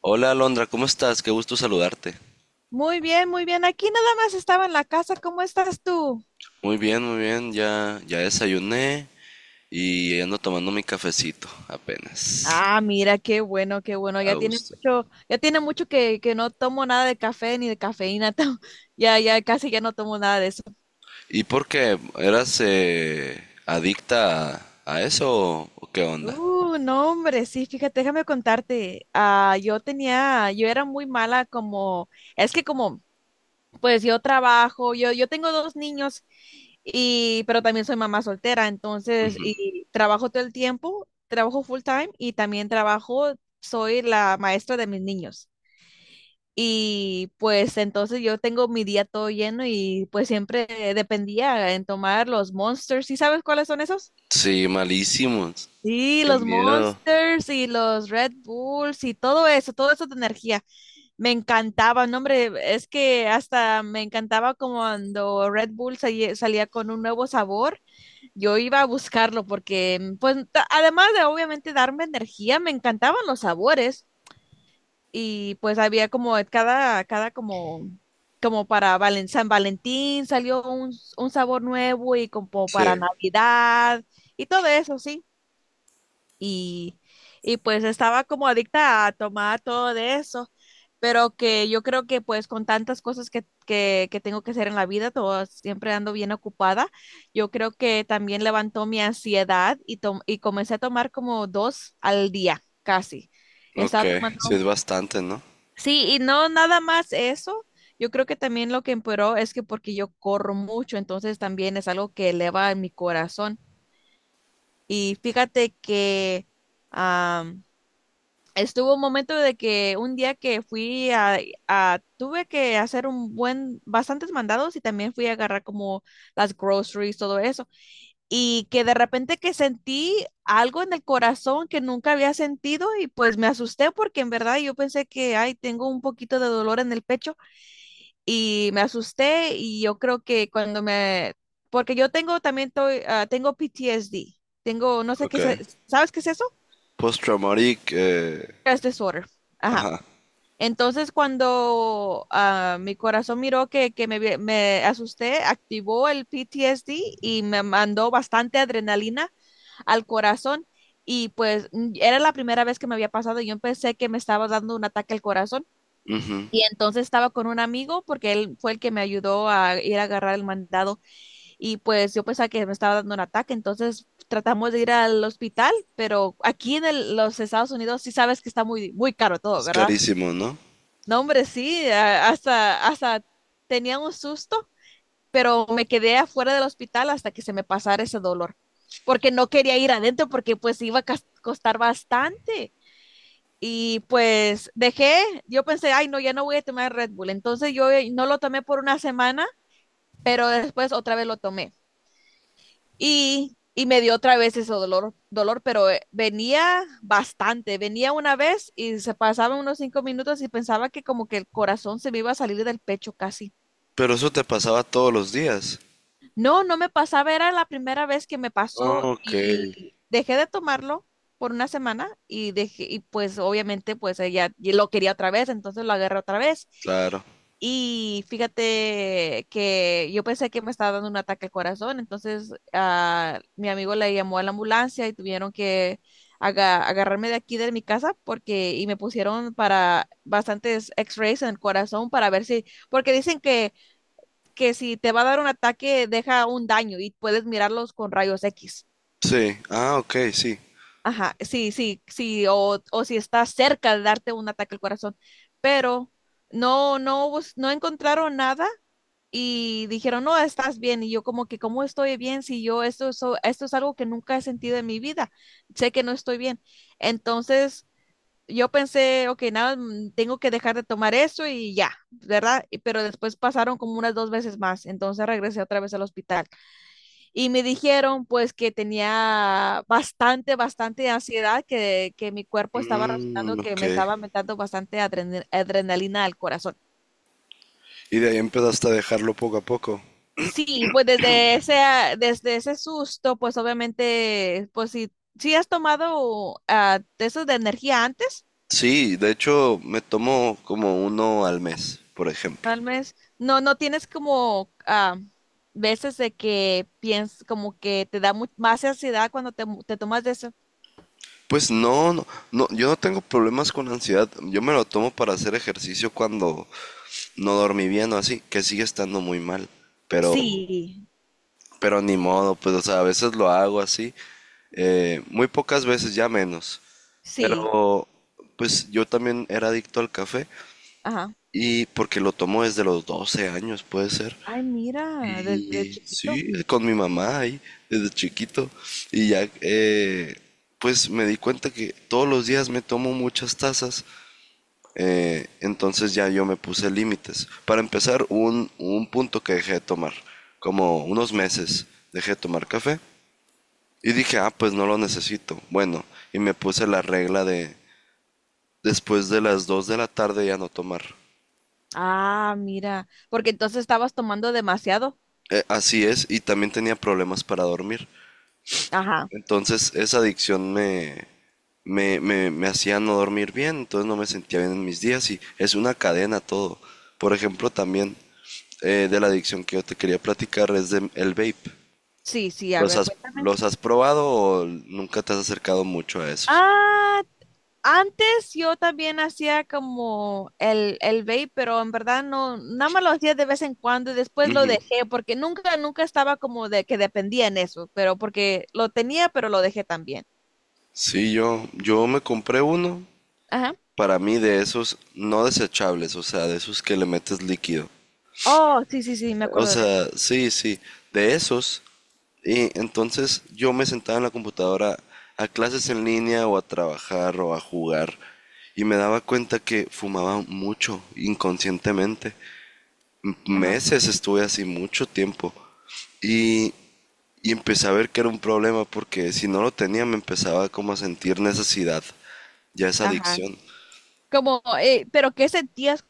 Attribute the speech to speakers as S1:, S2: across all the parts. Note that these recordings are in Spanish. S1: Hola Alondra, ¿cómo estás? Qué gusto saludarte.
S2: Muy bien, muy bien. Aquí nada más estaba en la casa. ¿Cómo estás tú?
S1: Muy bien, ya desayuné y ando tomando mi cafecito apenas.
S2: Ah, mira, qué bueno, qué bueno.
S1: A
S2: Ya tiene
S1: gusto.
S2: mucho, ya tiene mucho que no tomo nada de café ni de cafeína. Ya casi ya no tomo nada de eso.
S1: ¿Y por qué? ¿Eras adicta a eso o qué onda?
S2: No, hombre, sí, fíjate, déjame contarte. Yo era muy mala como, es que como pues yo trabajo, yo tengo dos niños y pero también soy mamá soltera, entonces
S1: Ujú.
S2: y trabajo todo el tiempo, trabajo full time y también trabajo, soy la maestra de mis niños. Y pues entonces yo tengo mi día todo lleno y pues siempre dependía en tomar los Monsters. ¿Sí sabes cuáles son esos?
S1: Sí, malísimos.
S2: Sí,
S1: Qué
S2: los
S1: miedo.
S2: Monsters y los Red Bulls y todo eso de energía. Me encantaba, no, hombre, es que hasta me encantaba como cuando Red Bull salía, con un nuevo sabor, yo iba a buscarlo porque, pues, además de obviamente darme energía, me encantaban los sabores y pues había como cada, como para San Valentín salió un sabor nuevo y como para
S1: Sí.
S2: Navidad y todo eso, sí y, y pues estaba como adicta a tomar todo de eso, pero que yo creo que pues con tantas cosas que, que tengo que hacer en la vida, todo, siempre ando bien ocupada, yo creo que también levantó mi ansiedad y, y comencé a tomar como dos al día, casi.
S1: Ok,
S2: Estaba
S1: sí es
S2: tomando,
S1: bastante, ¿no?
S2: sí, y no nada más eso. Yo creo que también lo que empeoró es que porque yo corro mucho, entonces también es algo que eleva mi corazón. Y fíjate que estuvo un momento de que un día que tuve que hacer un buen, bastantes mandados y también fui a agarrar como las groceries, todo eso. Y que de repente que sentí algo en el corazón que nunca había sentido y pues me asusté porque en verdad yo pensé que, ay, tengo un poquito de dolor en el pecho y me asusté y yo creo que cuando porque yo tengo también, tengo PTSD, tengo, no sé qué,
S1: Ok.
S2: ¿sabes qué es eso?
S1: Post-traumatic,
S2: Stress disorder. Ajá.
S1: ajá.
S2: Entonces, cuando mi corazón miró que, me asusté, activó el PTSD y me mandó bastante adrenalina al corazón. Y pues era la primera vez que me había pasado. Y yo pensé que me estaba dando un ataque al corazón.
S1: Ujú.
S2: Y entonces estaba con un amigo porque él fue el que me ayudó a ir a agarrar el mandado. Y pues yo pensaba que me estaba dando un ataque. Entonces tratamos de ir al hospital, pero aquí en los Estados Unidos sí sabes que está muy, muy caro todo,
S1: Es
S2: ¿verdad?
S1: carísimo, ¿no?
S2: No, hombre, sí, hasta tenía un susto, pero me quedé afuera del hospital hasta que se me pasara ese dolor, porque no quería ir adentro porque pues iba a costar bastante. Y pues dejé, yo pensé, ay, no, ya no voy a tomar Red Bull. Entonces yo no lo tomé por una semana, pero después otra vez lo tomé. Y me dio otra vez ese dolor, pero venía bastante. Venía una vez y se pasaban unos cinco minutos y pensaba que como que el corazón se me iba a salir del pecho casi.
S1: Pero eso te pasaba todos los días.
S2: No, no me pasaba, era la primera vez que me pasó
S1: Ok.
S2: y dejé de tomarlo por una semana y dejé, y pues obviamente pues ella y lo quería otra vez, entonces lo agarré otra vez.
S1: Claro.
S2: Y fíjate que yo pensé que me estaba dando un ataque al corazón, entonces mi amigo le llamó a la ambulancia y tuvieron que agarrarme de aquí de mi casa porque y me pusieron para bastantes X-rays en el corazón para ver si, porque dicen que si te va a dar un ataque, deja un daño y puedes mirarlos con rayos X.
S1: Sí. Ah, ok, sí.
S2: Ajá, sí, sí, sí, o si está cerca de darte un ataque al corazón. Pero no, no encontraron nada y dijeron, no, estás bien. Y yo como que, ¿cómo estoy bien si yo esto es algo que nunca he sentido en mi vida? Sé que no estoy bien. Entonces yo pensé, ok, nada, tengo que dejar de tomar eso y ya, ¿verdad? Pero después pasaron como unas dos veces más. Entonces regresé otra vez al hospital. Y me dijeron pues que tenía bastante ansiedad, que mi cuerpo estaba
S1: Mm,
S2: reaccionando, que
S1: ok.
S2: me estaba metiendo bastante adrenalina al corazón.
S1: Y de ahí empezaste a dejarlo poco a poco.
S2: Sí, pues desde ese, desde ese susto, pues obviamente, pues si, si has tomado de esos de energía antes,
S1: Sí, de hecho me tomo como uno al mes, por ejemplo.
S2: tal vez, no, no tienes como veces de que piensas, como que te da más ansiedad cuando te, te tomas de eso.
S1: Pues no, no, no, yo no tengo problemas con ansiedad. Yo me lo tomo para hacer ejercicio cuando no dormí bien o así, que sigue estando muy mal. Pero,
S2: Sí,
S1: pero ni modo, pues, o sea, a veces lo hago así. Muy pocas veces, ya menos.
S2: sí,
S1: Pero, pues yo también era adicto al café.
S2: ajá.
S1: Y porque lo tomo desde los 12 años, puede ser.
S2: Ay, mira, desde
S1: Y
S2: chiquito.
S1: sí, con mi mamá ahí, desde chiquito. Y ya, pues me di cuenta que todos los días me tomo muchas tazas. Entonces ya yo me puse límites. Para empezar, un punto que dejé de tomar, como unos meses dejé de tomar café. Y dije, ah, pues no lo necesito. Bueno, y me puse la regla de después de las 2 de la tarde ya no tomar.
S2: Ah, mira, porque entonces estabas tomando demasiado.
S1: Así es, y también tenía problemas para dormir.
S2: Ajá.
S1: Entonces esa adicción me hacía no dormir bien, entonces no me sentía bien en mis días y es una cadena todo. Por ejemplo, también de la adicción que yo te quería platicar es de el vape.
S2: Sí, sí, a
S1: ¿Los
S2: ver,
S1: has,
S2: cuéntame.
S1: los has probado o nunca te has acercado mucho a esos?
S2: Ah, antes yo también hacía como el vape, pero en verdad no, nada más lo hacía de vez en cuando y después lo
S1: Ujú.
S2: dejé porque nunca estaba como de que dependía en eso, pero porque lo tenía, pero lo dejé también.
S1: Sí, yo me compré uno
S2: Ajá.
S1: para mí de esos no desechables, o sea, de esos que le metes líquido.
S2: Oh, sí, sí, sí, me
S1: O
S2: acuerdo de
S1: sea,
S2: eso.
S1: sí, sí, de esos. Y entonces yo me sentaba en la computadora a clases en línea o a trabajar o a jugar y me daba cuenta que fumaba mucho inconscientemente.
S2: Ajá,
S1: Meses estuve así mucho tiempo y, y empecé a ver que era un problema porque si no lo tenía me empezaba como a sentir necesidad, ya esa
S2: ajá.
S1: adicción,
S2: Como, pero ¿qué sentías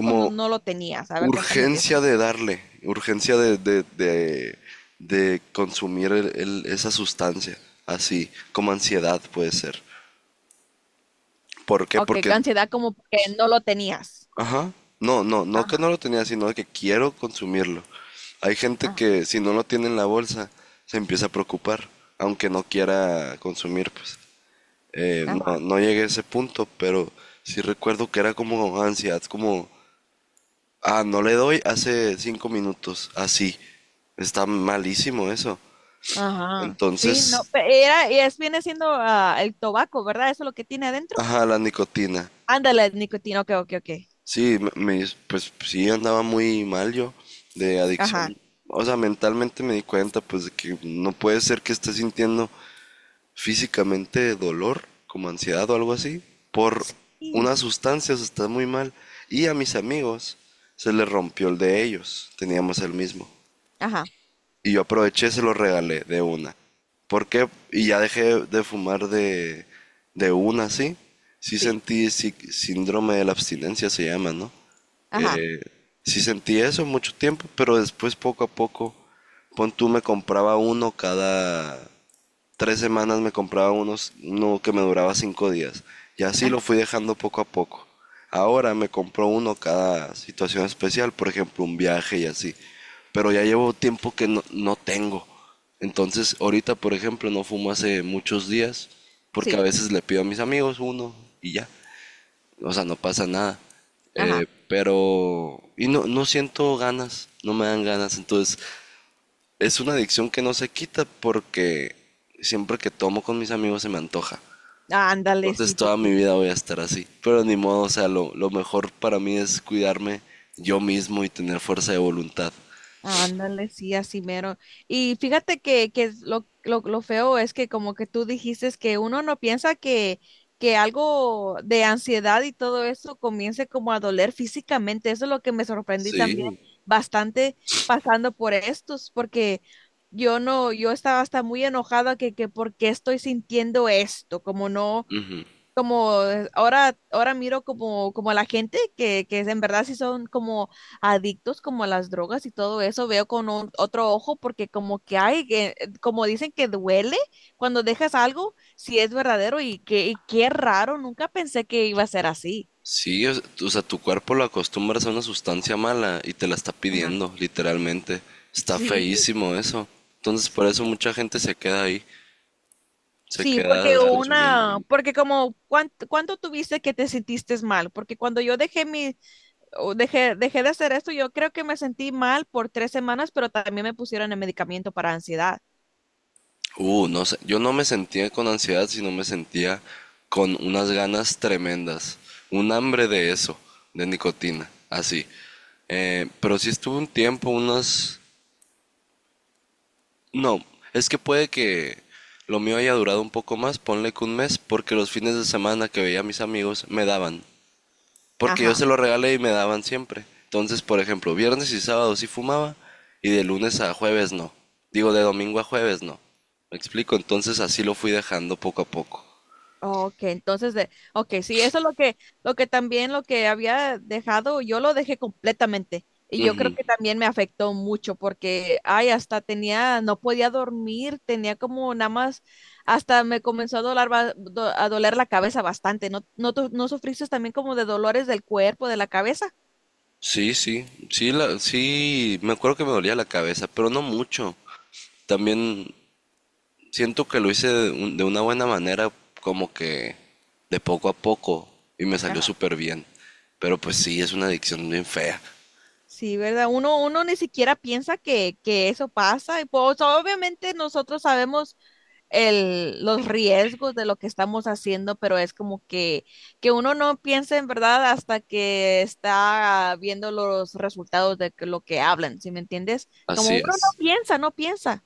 S2: cuando no lo tenías? A ver, cuéntame de
S1: urgencia
S2: eso.
S1: de darle, urgencia de consumir esa sustancia, así como ansiedad puede ser. ¿Por qué?
S2: Ok,
S1: Porque,
S2: ansiedad como que no lo tenías.
S1: ajá, no que no
S2: Ajá,
S1: lo tenía, sino que quiero consumirlo. Hay gente
S2: ajá,
S1: que si no lo tiene en la bolsa, se empieza a preocupar, aunque no quiera consumir, pues. No,
S2: ajá,
S1: no llegué a ese punto, pero sí recuerdo que era como ansiedad, como, ah, no le doy hace 5 minutos, así. Está malísimo eso.
S2: ajá. Sí, no,
S1: Entonces,
S2: era, y es, viene siendo el tabaco, ¿verdad? Eso es lo que tiene adentro.
S1: ajá, la nicotina.
S2: Ándale, nicotina, ok, ok, ok.
S1: Sí, pues sí andaba muy mal yo de
S2: Ajá,
S1: adicción. O sea, mentalmente me di cuenta pues de que no puede ser que esté sintiendo físicamente dolor, como ansiedad o algo así, por
S2: sí,
S1: unas sustancias, está muy mal. Y a mis amigos se les rompió el de ellos, teníamos el mismo.
S2: ajá,
S1: Y yo aproveché y se los regalé de una. ¿Por qué? Y ya dejé de fumar de una, ¿sí? Sí
S2: sí,
S1: sentí síndrome de la abstinencia, se llama, ¿no?
S2: ajá,
S1: Eh, sí sentí eso mucho tiempo, pero después poco a poco, pon tú me compraba uno cada 3 semanas me compraba unos, uno que me duraba 5 días. Y así lo
S2: ajá,
S1: fui dejando poco a poco. Ahora me compro uno cada situación especial, por ejemplo, un viaje y así. Pero ya llevo tiempo que no, no tengo. Entonces, ahorita, por ejemplo, no fumo hace muchos días, porque a
S2: sí,
S1: veces le pido a mis amigos uno y ya. O sea, no pasa nada.
S2: ajá.
S1: Y no, no siento ganas, no me dan ganas. Entonces, es una adicción que no se quita porque siempre que tomo con mis amigos se me antoja.
S2: Ándale,
S1: Entonces
S2: sí, sí,
S1: toda mi
S2: sí.
S1: vida voy a estar así. Pero ni modo, o sea, lo mejor para mí es cuidarme yo mismo y tener fuerza de voluntad.
S2: Ándale, sí, así mero. Y fíjate que es lo feo es que como que tú dijiste es que uno no piensa que algo de ansiedad y todo eso comience como a doler físicamente. Eso es lo que me sorprendí también
S1: Sí.
S2: bastante pasando por estos, porque yo no, yo estaba hasta muy enojada que por qué estoy sintiendo esto, como no
S1: Ujú.
S2: como ahora miro como, como a la gente que en verdad sí son como adictos como a las drogas y todo eso, veo con otro ojo porque como que hay, como dicen que duele cuando dejas algo, si es verdadero y que y qué raro, nunca pensé que iba a ser así.
S1: Sí, o sea, o sea, tu cuerpo lo acostumbras a una sustancia mala y te la está
S2: Ajá.
S1: pidiendo, literalmente. Está
S2: Sí,
S1: feísimo eso. Entonces por eso
S2: sí.
S1: mucha gente se queda ahí, se
S2: Sí, porque
S1: queda
S2: ay,
S1: consumiendo.
S2: una, porque como, ¿cuánto tuviste que te sentiste mal? Porque cuando yo dejé mi, dejé de hacer esto. Yo creo que me sentí mal por tres semanas, pero también me pusieron el medicamento para ansiedad.
S1: No sé, yo no me sentía con ansiedad, sino me sentía con unas ganas tremendas, un hambre de eso, de nicotina, así. Pero sí estuve un tiempo, unas... No, es que puede que lo mío haya durado un poco más, ponle que un mes, porque los fines de semana que veía a mis amigos me daban, porque yo
S2: Ajá.
S1: se lo regalé y me daban siempre. Entonces, por ejemplo, viernes y sábado sí fumaba y de lunes a jueves no. Digo, de domingo a jueves no. ¿Me explico? Entonces así lo fui dejando poco a poco.
S2: Ok, entonces de, ok, sí, eso es lo que también lo que había dejado, yo lo dejé completamente. Y yo creo
S1: Ujú.
S2: que también me afectó mucho porque, ay, hasta tenía, no podía dormir, tenía como nada más, hasta me comenzó a doler, a doler la cabeza bastante. ¿No, no, no sufriste también como de dolores del cuerpo, de la cabeza?
S1: Sí, sí, sí, la, sí, me acuerdo que me dolía la cabeza, pero no mucho. También siento que lo hice de, de una buena manera, como que de poco a poco, y me salió
S2: Ajá.
S1: súper bien. Pero pues sí, es una adicción bien fea.
S2: Sí, ¿verdad? Uno ni siquiera piensa que eso pasa. Y pues obviamente nosotros sabemos los riesgos de lo que estamos haciendo, pero es como que uno no piensa en verdad hasta que está viendo los resultados de lo que hablan, ¿sí me entiendes? Como
S1: Así
S2: uno no
S1: es.
S2: piensa, no piensa,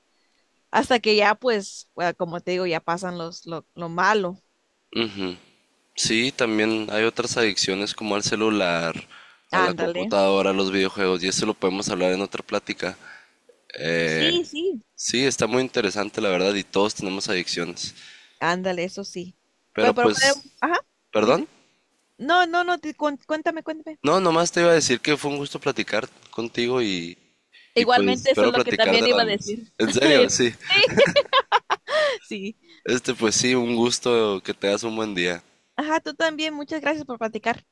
S2: hasta que ya pues, bueno, como te digo, ya pasan los, lo malo.
S1: Ujú. Sí, también hay otras adicciones como al celular, a la
S2: Ándale.
S1: computadora, a los videojuegos, y eso lo podemos hablar en otra plática. Eh,
S2: Sí, sí.
S1: sí, está muy interesante la verdad, y todos tenemos adicciones.
S2: Ándale, eso sí. Pues,
S1: Pero
S2: pero,
S1: pues,
S2: ajá,
S1: ¿perdón?
S2: dime. No, no, no, cuéntame, cuéntame.
S1: No, nomás te iba a decir que fue un gusto platicar contigo y pues
S2: Igualmente, eso es
S1: espero
S2: lo que
S1: platicar
S2: también
S1: de lo
S2: iba a
S1: demás.
S2: decir.
S1: En serio,
S2: Sí,
S1: sí.
S2: sí.
S1: Este, pues sí, un gusto, que te das un buen día.
S2: Ajá, tú también, muchas gracias por platicar.